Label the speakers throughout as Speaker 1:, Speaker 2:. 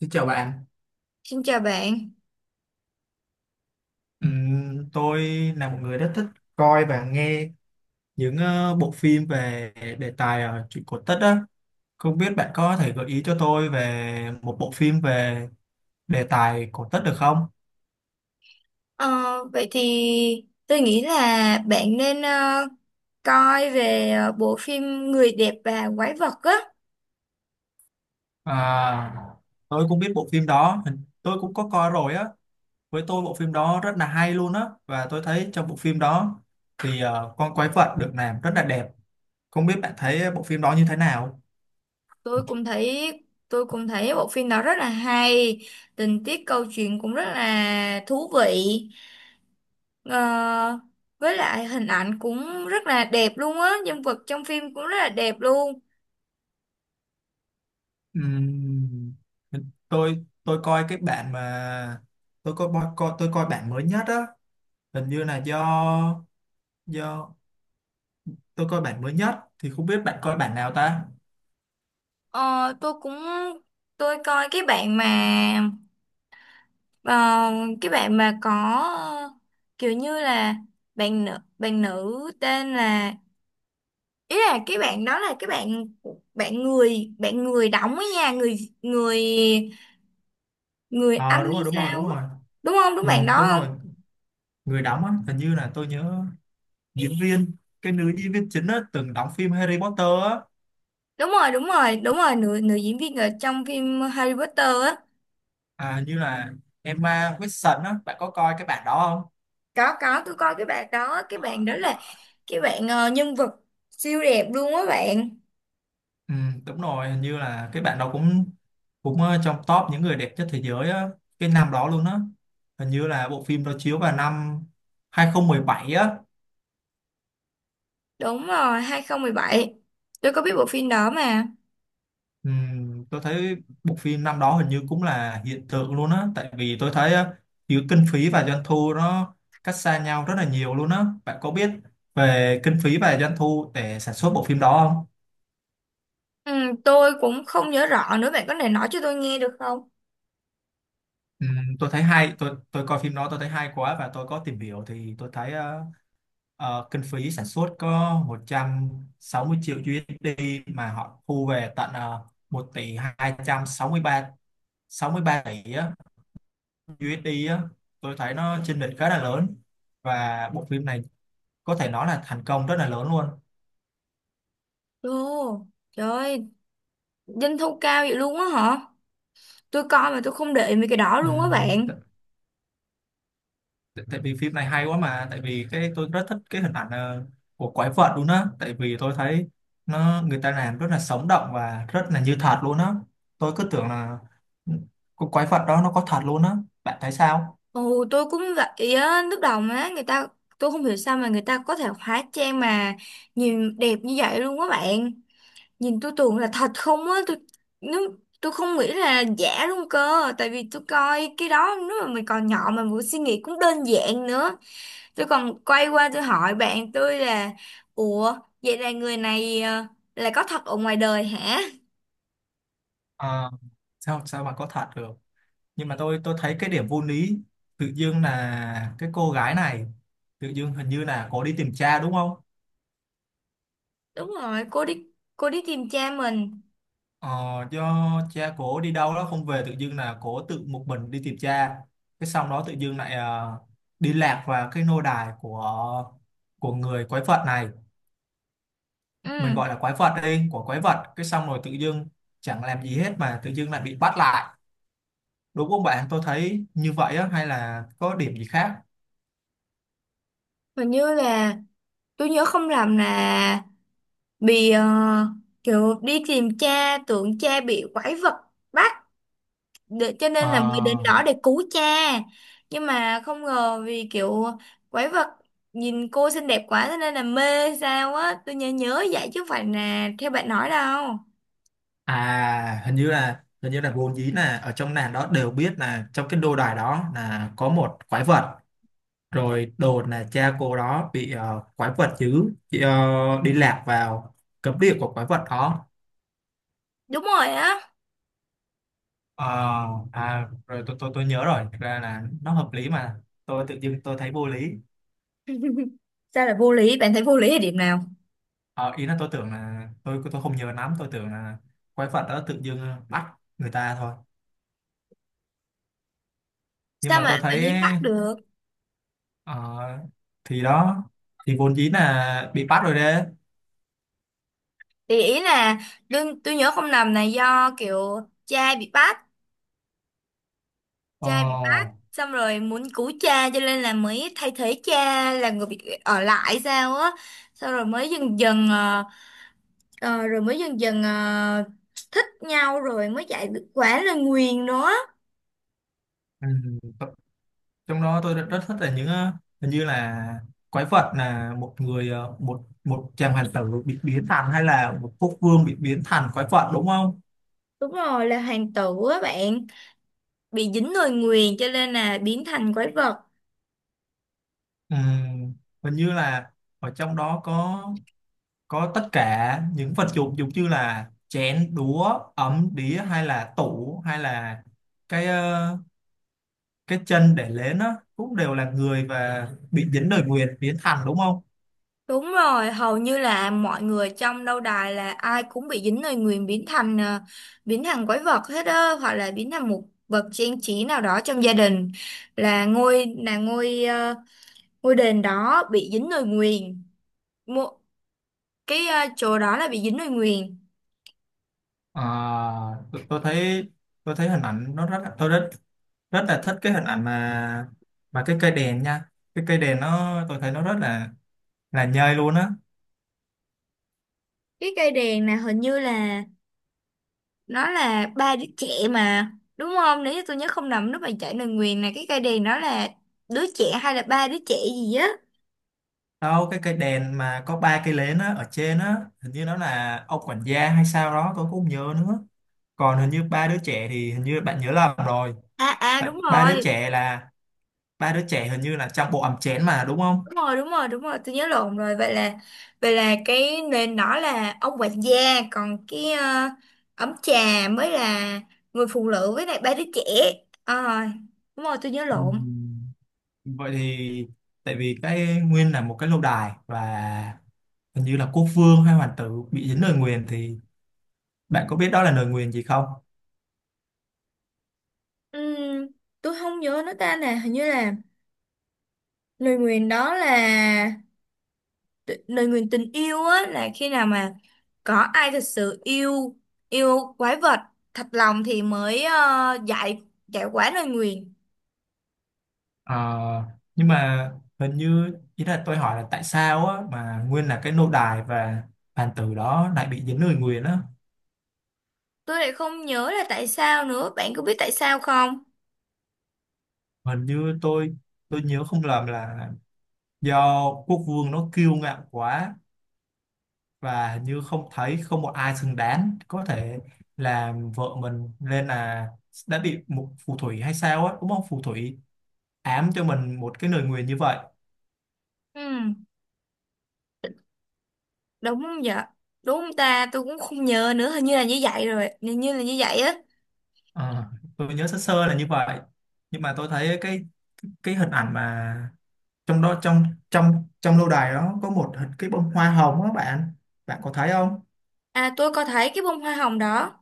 Speaker 1: Xin chào bạn.
Speaker 2: Xin chào bạn.
Speaker 1: Tôi là một người rất thích coi và nghe những bộ phim về đề tài chuyện cổ tích á. Không biết bạn có thể gợi ý cho tôi về một bộ phim về đề tài cổ tích được không?
Speaker 2: Ờ, Vậy thì tôi nghĩ là bạn nên coi về bộ phim Người đẹp và quái vật á.
Speaker 1: À, tôi cũng biết bộ phim đó, tôi cũng có coi rồi á. Với tôi bộ phim đó rất là hay luôn á, và tôi thấy trong bộ phim đó thì con quái vật được làm rất là đẹp. Không biết bạn thấy bộ phim đó như thế nào?
Speaker 2: Tôi cũng thấy tôi cũng thấy bộ phim đó rất là hay, tình tiết câu chuyện cũng rất là thú vị. Ờ, với lại hình ảnh cũng rất là đẹp luôn á, nhân vật trong phim cũng rất là đẹp luôn.
Speaker 1: Ừm, tôi coi cái bản mà tôi coi, tôi coi bản mới nhất á, hình như là do tôi coi bản mới nhất, thì không biết bạn coi bản nào ta.
Speaker 2: Ờ, tôi cũng tôi coi cái bạn mà. Ờ, cái bạn mà có ờ, kiểu như là bạn nữ tên là, ý là cái bạn đó là cái bạn, bạn người đóng ấy nha, người người người
Speaker 1: Ờ,
Speaker 2: Anh
Speaker 1: đúng
Speaker 2: hay
Speaker 1: rồi, đúng rồi,
Speaker 2: sao
Speaker 1: đúng
Speaker 2: ấy.
Speaker 1: rồi.
Speaker 2: Đúng không, đúng
Speaker 1: Ừ,
Speaker 2: bạn đó
Speaker 1: đúng rồi,
Speaker 2: không?
Speaker 1: người đóng á hình như là tôi nhớ diễn viên, cái nữ diễn viên chính á từng đóng phim Harry Potter á.
Speaker 2: Đúng rồi, đúng rồi, đúng rồi, nữ nữ diễn viên ở trong phim Harry Potter á.
Speaker 1: À, hình như là Emma Watson á, bạn có coi cái bản đó không?
Speaker 2: Có, tôi coi cái bạn đó, cái bạn đó là cái bạn nhân vật siêu đẹp luôn á bạn.
Speaker 1: Ừ, đúng rồi, hình như là cái bạn đó cũng cũng trong top những người đẹp nhất thế giới á, cái năm đó luôn á. Hình như là bộ phim đó chiếu vào năm 2017 á.
Speaker 2: Đúng rồi, 2017, tôi có biết bộ phim đó mà.
Speaker 1: Ừ, tôi thấy bộ phim năm đó hình như cũng là hiện tượng luôn á, tại vì tôi thấy giữa kinh phí và doanh thu nó cách xa nhau rất là nhiều luôn á. Bạn có biết về kinh phí và doanh thu để sản xuất bộ phim đó không?
Speaker 2: Ừ, tôi cũng không nhớ rõ nữa, bạn có thể nói cho tôi nghe được không?
Speaker 1: Ừ, tôi thấy hay, tôi coi phim đó tôi thấy hay quá, và tôi có tìm hiểu thì tôi thấy kinh phí sản xuất có 160 triệu USD mà họ thu về tận 1 tỷ 263 tỷ á, USD á. Tôi thấy nó chênh lệch khá là lớn, và bộ phim này có thể nói là thành công rất là lớn luôn.
Speaker 2: Ồ, trời ơi, doanh thu cao vậy luôn á hả? Tôi coi mà tôi không để ý mấy cái đó
Speaker 1: Ừ,
Speaker 2: luôn á bạn.
Speaker 1: tại tại vì phim này hay quá, mà tại vì cái tôi rất thích cái hình ảnh của quái vật luôn á, tại vì tôi thấy nó người ta làm rất là sống động và rất là như thật luôn á. Tôi cứ tưởng là con quái vật đó nó có thật luôn á. Bạn thấy sao?
Speaker 2: Ồ, tôi cũng vậy á, lúc đầu mà người ta, tôi không hiểu sao mà người ta có thể hóa trang mà nhìn đẹp như vậy luôn á bạn. Nhìn tôi tưởng là thật không á, tôi, nếu, tôi không nghĩ là giả luôn cơ, tại vì tôi coi cái đó nếu mà mình còn nhỏ mà mình suy nghĩ cũng đơn giản nữa. Tôi còn quay qua tôi hỏi bạn tôi là, ủa, vậy là người này là có thật ở ngoài đời hả?
Speaker 1: Ờ, sao sao mà có thật được, nhưng mà tôi thấy cái điểm vô lý, tự dưng là cái cô gái này tự dưng hình như là có đi tìm cha đúng không?
Speaker 2: Đúng rồi, cô đi tìm cha mình.
Speaker 1: Ờ, do cha cổ đi đâu đó không về, tự dưng là cổ tự một mình đi tìm cha, cái xong đó tự dưng lại đi lạc vào cái nô đài của người quái vật này, mình
Speaker 2: Ừ,
Speaker 1: gọi là quái vật đi, của quái vật, cái xong rồi tự dưng chẳng làm gì hết mà tự dưng lại bị bắt lại, đúng không bạn? Tôi thấy như vậy á, hay là có điểm gì khác?
Speaker 2: hình như là tôi nhớ không lầm là bị kiểu đi tìm cha, tưởng cha bị quái vật bắt để, cho nên là mới đến
Speaker 1: Ờ,
Speaker 2: đó để cứu cha, nhưng mà không ngờ vì kiểu quái vật nhìn cô xinh đẹp quá cho nên là mê sao á, tôi nhớ nhớ vậy chứ không phải là theo bạn nói đâu.
Speaker 1: à, hình như là vốn dĩ là ở trong làng đó đều biết là trong cái nô đài đó là có một quái vật, rồi đồn là cha cô đó bị quái vật dữ chị, đi lạc vào cấm địa của quái vật đó.
Speaker 2: Đúng rồi á.
Speaker 1: Ờ, à, rồi tôi nhớ rồi, thực ra là nó hợp lý mà tôi tự dưng tôi thấy vô lý.
Speaker 2: Sao lại vô lý? Bạn thấy vô lý ở điểm nào?
Speaker 1: Ờ, ý là tôi tưởng là tôi không nhớ lắm, tôi tưởng là quái vật đó tự dưng bắt người ta thôi, nhưng
Speaker 2: Sao
Speaker 1: mà
Speaker 2: mà
Speaker 1: tôi
Speaker 2: tự
Speaker 1: thấy
Speaker 2: nhiên bắt được?
Speaker 1: ờ, thì đó, thì vốn dĩ là bị bắt rồi đấy.
Speaker 2: Thì ý là đương, tôi nhớ không lầm là do kiểu cha bị bắt,
Speaker 1: Ờ,
Speaker 2: cha bị bắt, xong rồi muốn cứu cha cho nên là mới thay thế cha là người bị ở lại sao á. Xong rồi mới dần dần rồi mới dần dần thích nhau rồi mới chạy được quả là nguyền đó.
Speaker 1: ừ, trong đó tôi rất rất thích là những hình như là quái vật là một người một một chàng hoàng tử bị biến thành, hay là một quốc vương bị biến thành quái vật, đúng không?
Speaker 2: Đúng rồi, là hoàng tử á bạn, bị dính lời nguyền cho nên là biến thành quái vật.
Speaker 1: Ừm, Hình như là ở trong đó có tất cả những vật dụng giống như là chén đũa, ấm đĩa, hay là tủ, hay là cái cái chân để lên á, cũng đều là người và bị dính lời nguyền biến thành, đúng không?
Speaker 2: Đúng rồi, hầu như là mọi người trong lâu đài là ai cũng bị dính lời nguyền biến thành biến thành quái vật hết á, hoặc là biến thành một vật trang trí nào đó trong gia đình, là ngôi ngôi đền đó bị dính lời nguyền. Mộ cái chỗ đó là bị dính lời nguyền.
Speaker 1: À, tôi thấy, tôi thấy hình ảnh nó rất, tôi rất rất là thích cái hình ảnh mà cái cây đèn nha, cái cây đèn nó tôi thấy nó rất là nhơi luôn á.
Speaker 2: Cái cây đèn là hình như là nó là ba đứa trẻ mà, đúng không? Nếu như tôi nhớ không nhầm, lúc mà chạy lời nguyền là cái cây đèn đó là đứa trẻ hay là ba đứa trẻ gì á.
Speaker 1: Đâu, cái cây đèn mà có ba cây nến á ở trên á, hình như nó là ông quản gia hay sao đó, tôi cũng không nhớ nữa. Còn hình như ba đứa trẻ thì hình như bạn nhớ lầm rồi,
Speaker 2: À à
Speaker 1: tại
Speaker 2: đúng
Speaker 1: ba đứa
Speaker 2: rồi,
Speaker 1: trẻ là ba đứa trẻ hình như là trong bộ ấm chén mà đúng không?
Speaker 2: đúng rồi, đúng rồi, đúng rồi, tôi nhớ lộn rồi. Vậy là cái nền đó là ông quản gia, còn cái ấm trà mới là người phụ nữ với lại ba đứa trẻ. Ờ, đúng rồi, tôi nhớ lộn.
Speaker 1: Ừm, Vậy thì tại vì cái nguyên là một cái lâu đài và hình như là quốc vương hay hoàng tử bị dính lời nguyền, thì bạn có biết đó là lời nguyền gì không?
Speaker 2: Ừm, tôi không nhớ nó ta nè, hình như là lời nguyền đó là lời nguyền tình yêu á, là khi nào mà có ai thật sự yêu, yêu quái vật thật lòng thì mới giải, giải quả lời nguyền.
Speaker 1: Ờ, nhưng mà hình như ý là tôi hỏi là tại sao á, mà nguyên là cái nô đài và bàn tử đó lại bị dính lời nguyền á.
Speaker 2: Tôi lại không nhớ là tại sao nữa, bạn có biết tại sao không?
Speaker 1: Hình như tôi nhớ không lầm là do quốc vương nó kiêu ngạo quá, và hình như không thấy không một ai xứng đáng có thể làm vợ mình, nên là đã bị một phù thủy hay sao á, đúng không, phù thủy ám cho mình một cái lời nguyền như vậy.
Speaker 2: Ừ, đúng vậy. Đúng ta, tôi cũng không nhớ nữa, hình như là như vậy rồi, hình như là như vậy á.
Speaker 1: Ờ, tôi nhớ sơ sơ là như vậy, nhưng mà tôi thấy cái hình ảnh mà trong đó, trong trong trong lâu đài đó có một cái bông hoa hồng á bạn, bạn có thấy không?
Speaker 2: À, tôi có thấy cái bông hoa hồng đó.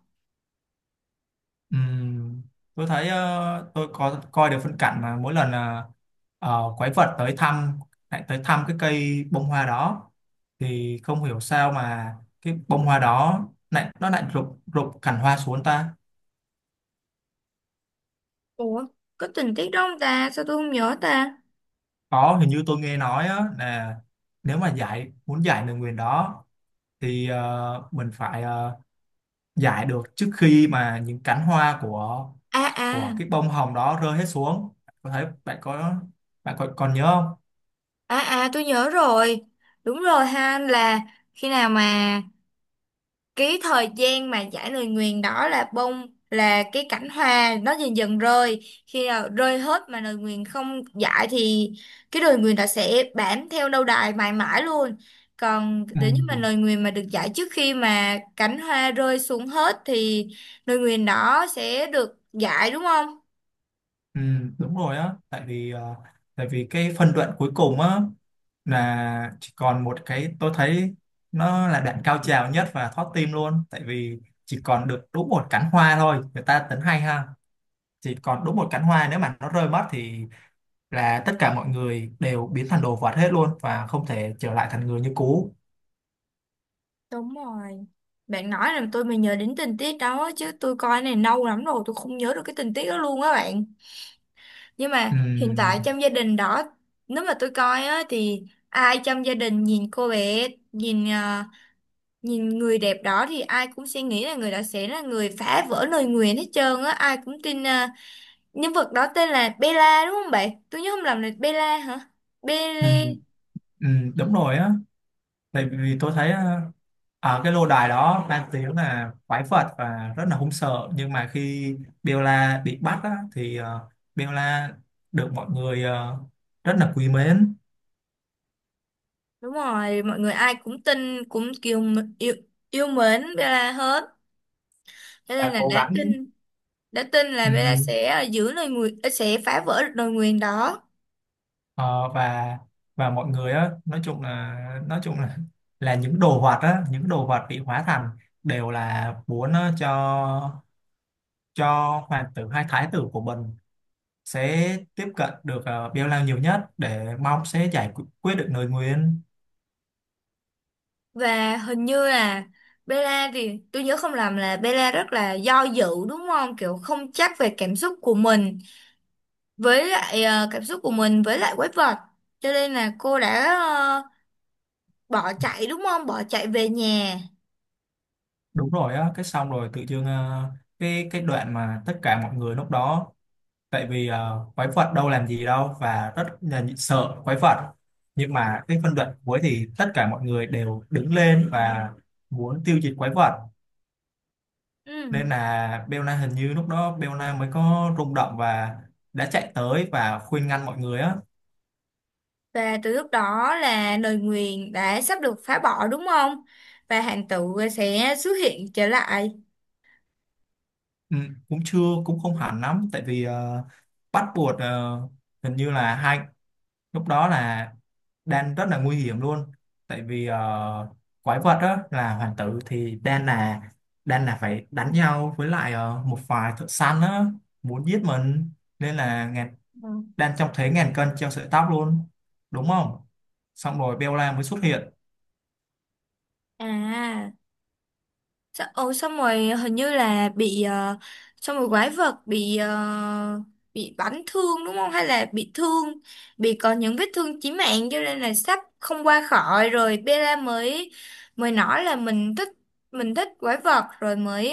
Speaker 1: Ừm, tôi thấy, tôi có coi được phân cảnh mà mỗi lần quái vật tới thăm, lại tới thăm cái cây bông hoa đó, thì không hiểu sao mà cái bông hoa đó lại nó lại rụng, rụng cành hoa xuống ta.
Speaker 2: Ủa, có tình tiết đó không ta, sao tôi không nhớ ta?
Speaker 1: Có, hình như tôi nghe nói á, là nếu mà giải, muốn giải lời nguyền đó thì mình phải giải được trước khi mà những cánh hoa của
Speaker 2: À à,
Speaker 1: cái bông hồng đó rơi hết xuống. Có thấy bạn có, bạn còn còn nhớ không?
Speaker 2: à à, tôi nhớ rồi. Đúng rồi ha, là khi nào mà cái thời gian mà giải lời nguyền đó là bông, là cái cảnh hoa nó dần dần rơi, khi nào rơi hết mà lời nguyền không giải thì cái lời nguyền đó sẽ bám theo lâu đài mãi mãi luôn, còn
Speaker 1: Ừ.
Speaker 2: nếu như mà lời nguyền mà được giải trước khi mà cảnh hoa rơi xuống hết thì lời nguyền đó sẽ được giải, đúng không?
Speaker 1: Ừ, đúng rồi á, tại vì tại vì cái phân đoạn cuối cùng á là chỉ còn một cái, tôi thấy nó là đoạn cao trào nhất và thót tim luôn, tại vì chỉ còn được đúng một cánh hoa thôi, người ta tính hay ha, chỉ còn đúng một cánh hoa, nếu mà nó rơi mất thì là tất cả mọi người đều biến thành đồ vật hết luôn và không thể trở lại thành người như cũ.
Speaker 2: Đúng rồi, bạn nói là tôi mới nhớ đến tình tiết đó chứ tôi coi này lâu lắm rồi, tôi không nhớ được cái tình tiết đó luôn á bạn. Nhưng mà hiện tại
Speaker 1: Ừm,
Speaker 2: trong gia đình đó, nếu mà tôi coi á, thì ai trong gia đình nhìn cô bé, nhìn nhìn người đẹp đó thì ai cũng sẽ nghĩ là người đó sẽ là người phá vỡ lời nguyền hết trơn á. Ai cũng tin nhân vật đó tên là Bella đúng không bạn? Tôi nhớ không lầm là Bella hả? Bella.
Speaker 1: ừm, đúng rồi á, tại vì tôi thấy ở cái lô đài đó đang tiếng là quái vật và rất là hung sợ, nhưng mà khi Bella bị bắt á, thì Bella được mọi người rất là quý mến
Speaker 2: Đúng rồi, mọi người ai cũng tin, cũng kiểu yêu, yêu mến Bella hết. Cho nên
Speaker 1: và
Speaker 2: là
Speaker 1: cố gắng.
Speaker 2: đã tin là Bella
Speaker 1: ừm,
Speaker 2: sẽ giữ lời nguyền, sẽ phá vỡ lời nguyền đó.
Speaker 1: ờ, và mọi người á, nói chung là là những đồ vật á, những đồ vật bị hóa thành đều là muốn cho hoàng tử hay thái tử của mình sẽ tiếp cận được, Bella nhiều nhất để mong sẽ giải quyết được lời nguyền.
Speaker 2: Và hình như là Bella thì tôi nhớ không lầm là Bella rất là do dự đúng không? Kiểu không chắc về cảm xúc của mình với lại cảm xúc của mình với lại quái vật. Cho nên là cô đã bỏ chạy đúng không? Bỏ chạy về nhà.
Speaker 1: Đúng rồi á, cái xong rồi tự dưng cái đoạn mà tất cả mọi người lúc đó, tại vì quái vật đâu làm gì đâu và rất là sợ quái vật, nhưng mà cái phân đoạn cuối thì tất cả mọi người đều đứng lên và muốn tiêu diệt quái vật,
Speaker 2: Ừ.
Speaker 1: nên là Belna, hình như lúc đó Belna mới có rung động và đã chạy tới và khuyên ngăn mọi người á.
Speaker 2: Và từ lúc đó là lời nguyền đã sắp được phá bỏ đúng không? Và hành tử sẽ xuất hiện trở lại.
Speaker 1: Ừ, cũng chưa, cũng không hẳn lắm, tại vì bắt buộc hình như là hai, lúc đó là Dan rất là nguy hiểm luôn, tại vì quái vật đó là hoàng tử, thì Dan là, Dan phải đánh nhau với lại một vài thợ săn đó muốn giết mình, nên là
Speaker 2: Ừ.
Speaker 1: Dan trông thấy ngàn cân treo sợi tóc luôn, đúng không? Xong rồi Bella mới xuất hiện.
Speaker 2: À. Sa- Ồ xong rồi hình như là bị xong rồi quái vật bị bị bắn thương đúng không hay là bị thương, bị có những vết thương chí mạng cho nên là sắp không qua khỏi, rồi Bella mới, mới nói là mình thích, mình thích quái vật, rồi mới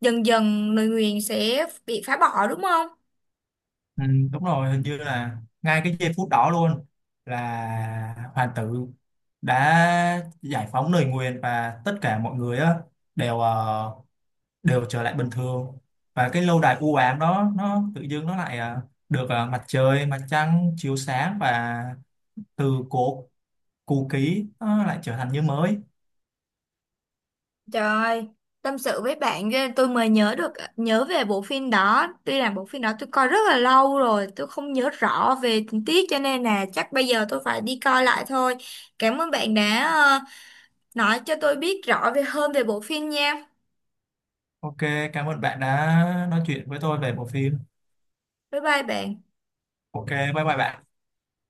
Speaker 2: dần dần lời nguyền sẽ bị phá bỏ đúng không?
Speaker 1: Ừ, đúng rồi, hình như là ngay cái giây phút đó luôn là hoàng tử đã giải phóng lời nguyền, và tất cả mọi người á đều đều trở lại bình thường, và cái lâu đài u ám đó nó tự dưng nó lại à, được à, mặt trời mặt trăng chiếu sáng, và từ cổ cũ kỹ nó lại trở thành như mới.
Speaker 2: Trời, tâm sự với bạn ghê, tôi mới nhớ được, nhớ về bộ phim đó. Tuy là bộ phim đó tôi coi rất là lâu rồi, tôi không nhớ rõ về tình tiết cho nên là chắc bây giờ tôi phải đi coi lại thôi. Cảm ơn bạn đã nói cho tôi biết rõ về hơn về bộ phim nha.
Speaker 1: OK, cảm ơn bạn đã nói chuyện với tôi về bộ phim.
Speaker 2: Bye bye bạn.
Speaker 1: OK, bye bye bạn.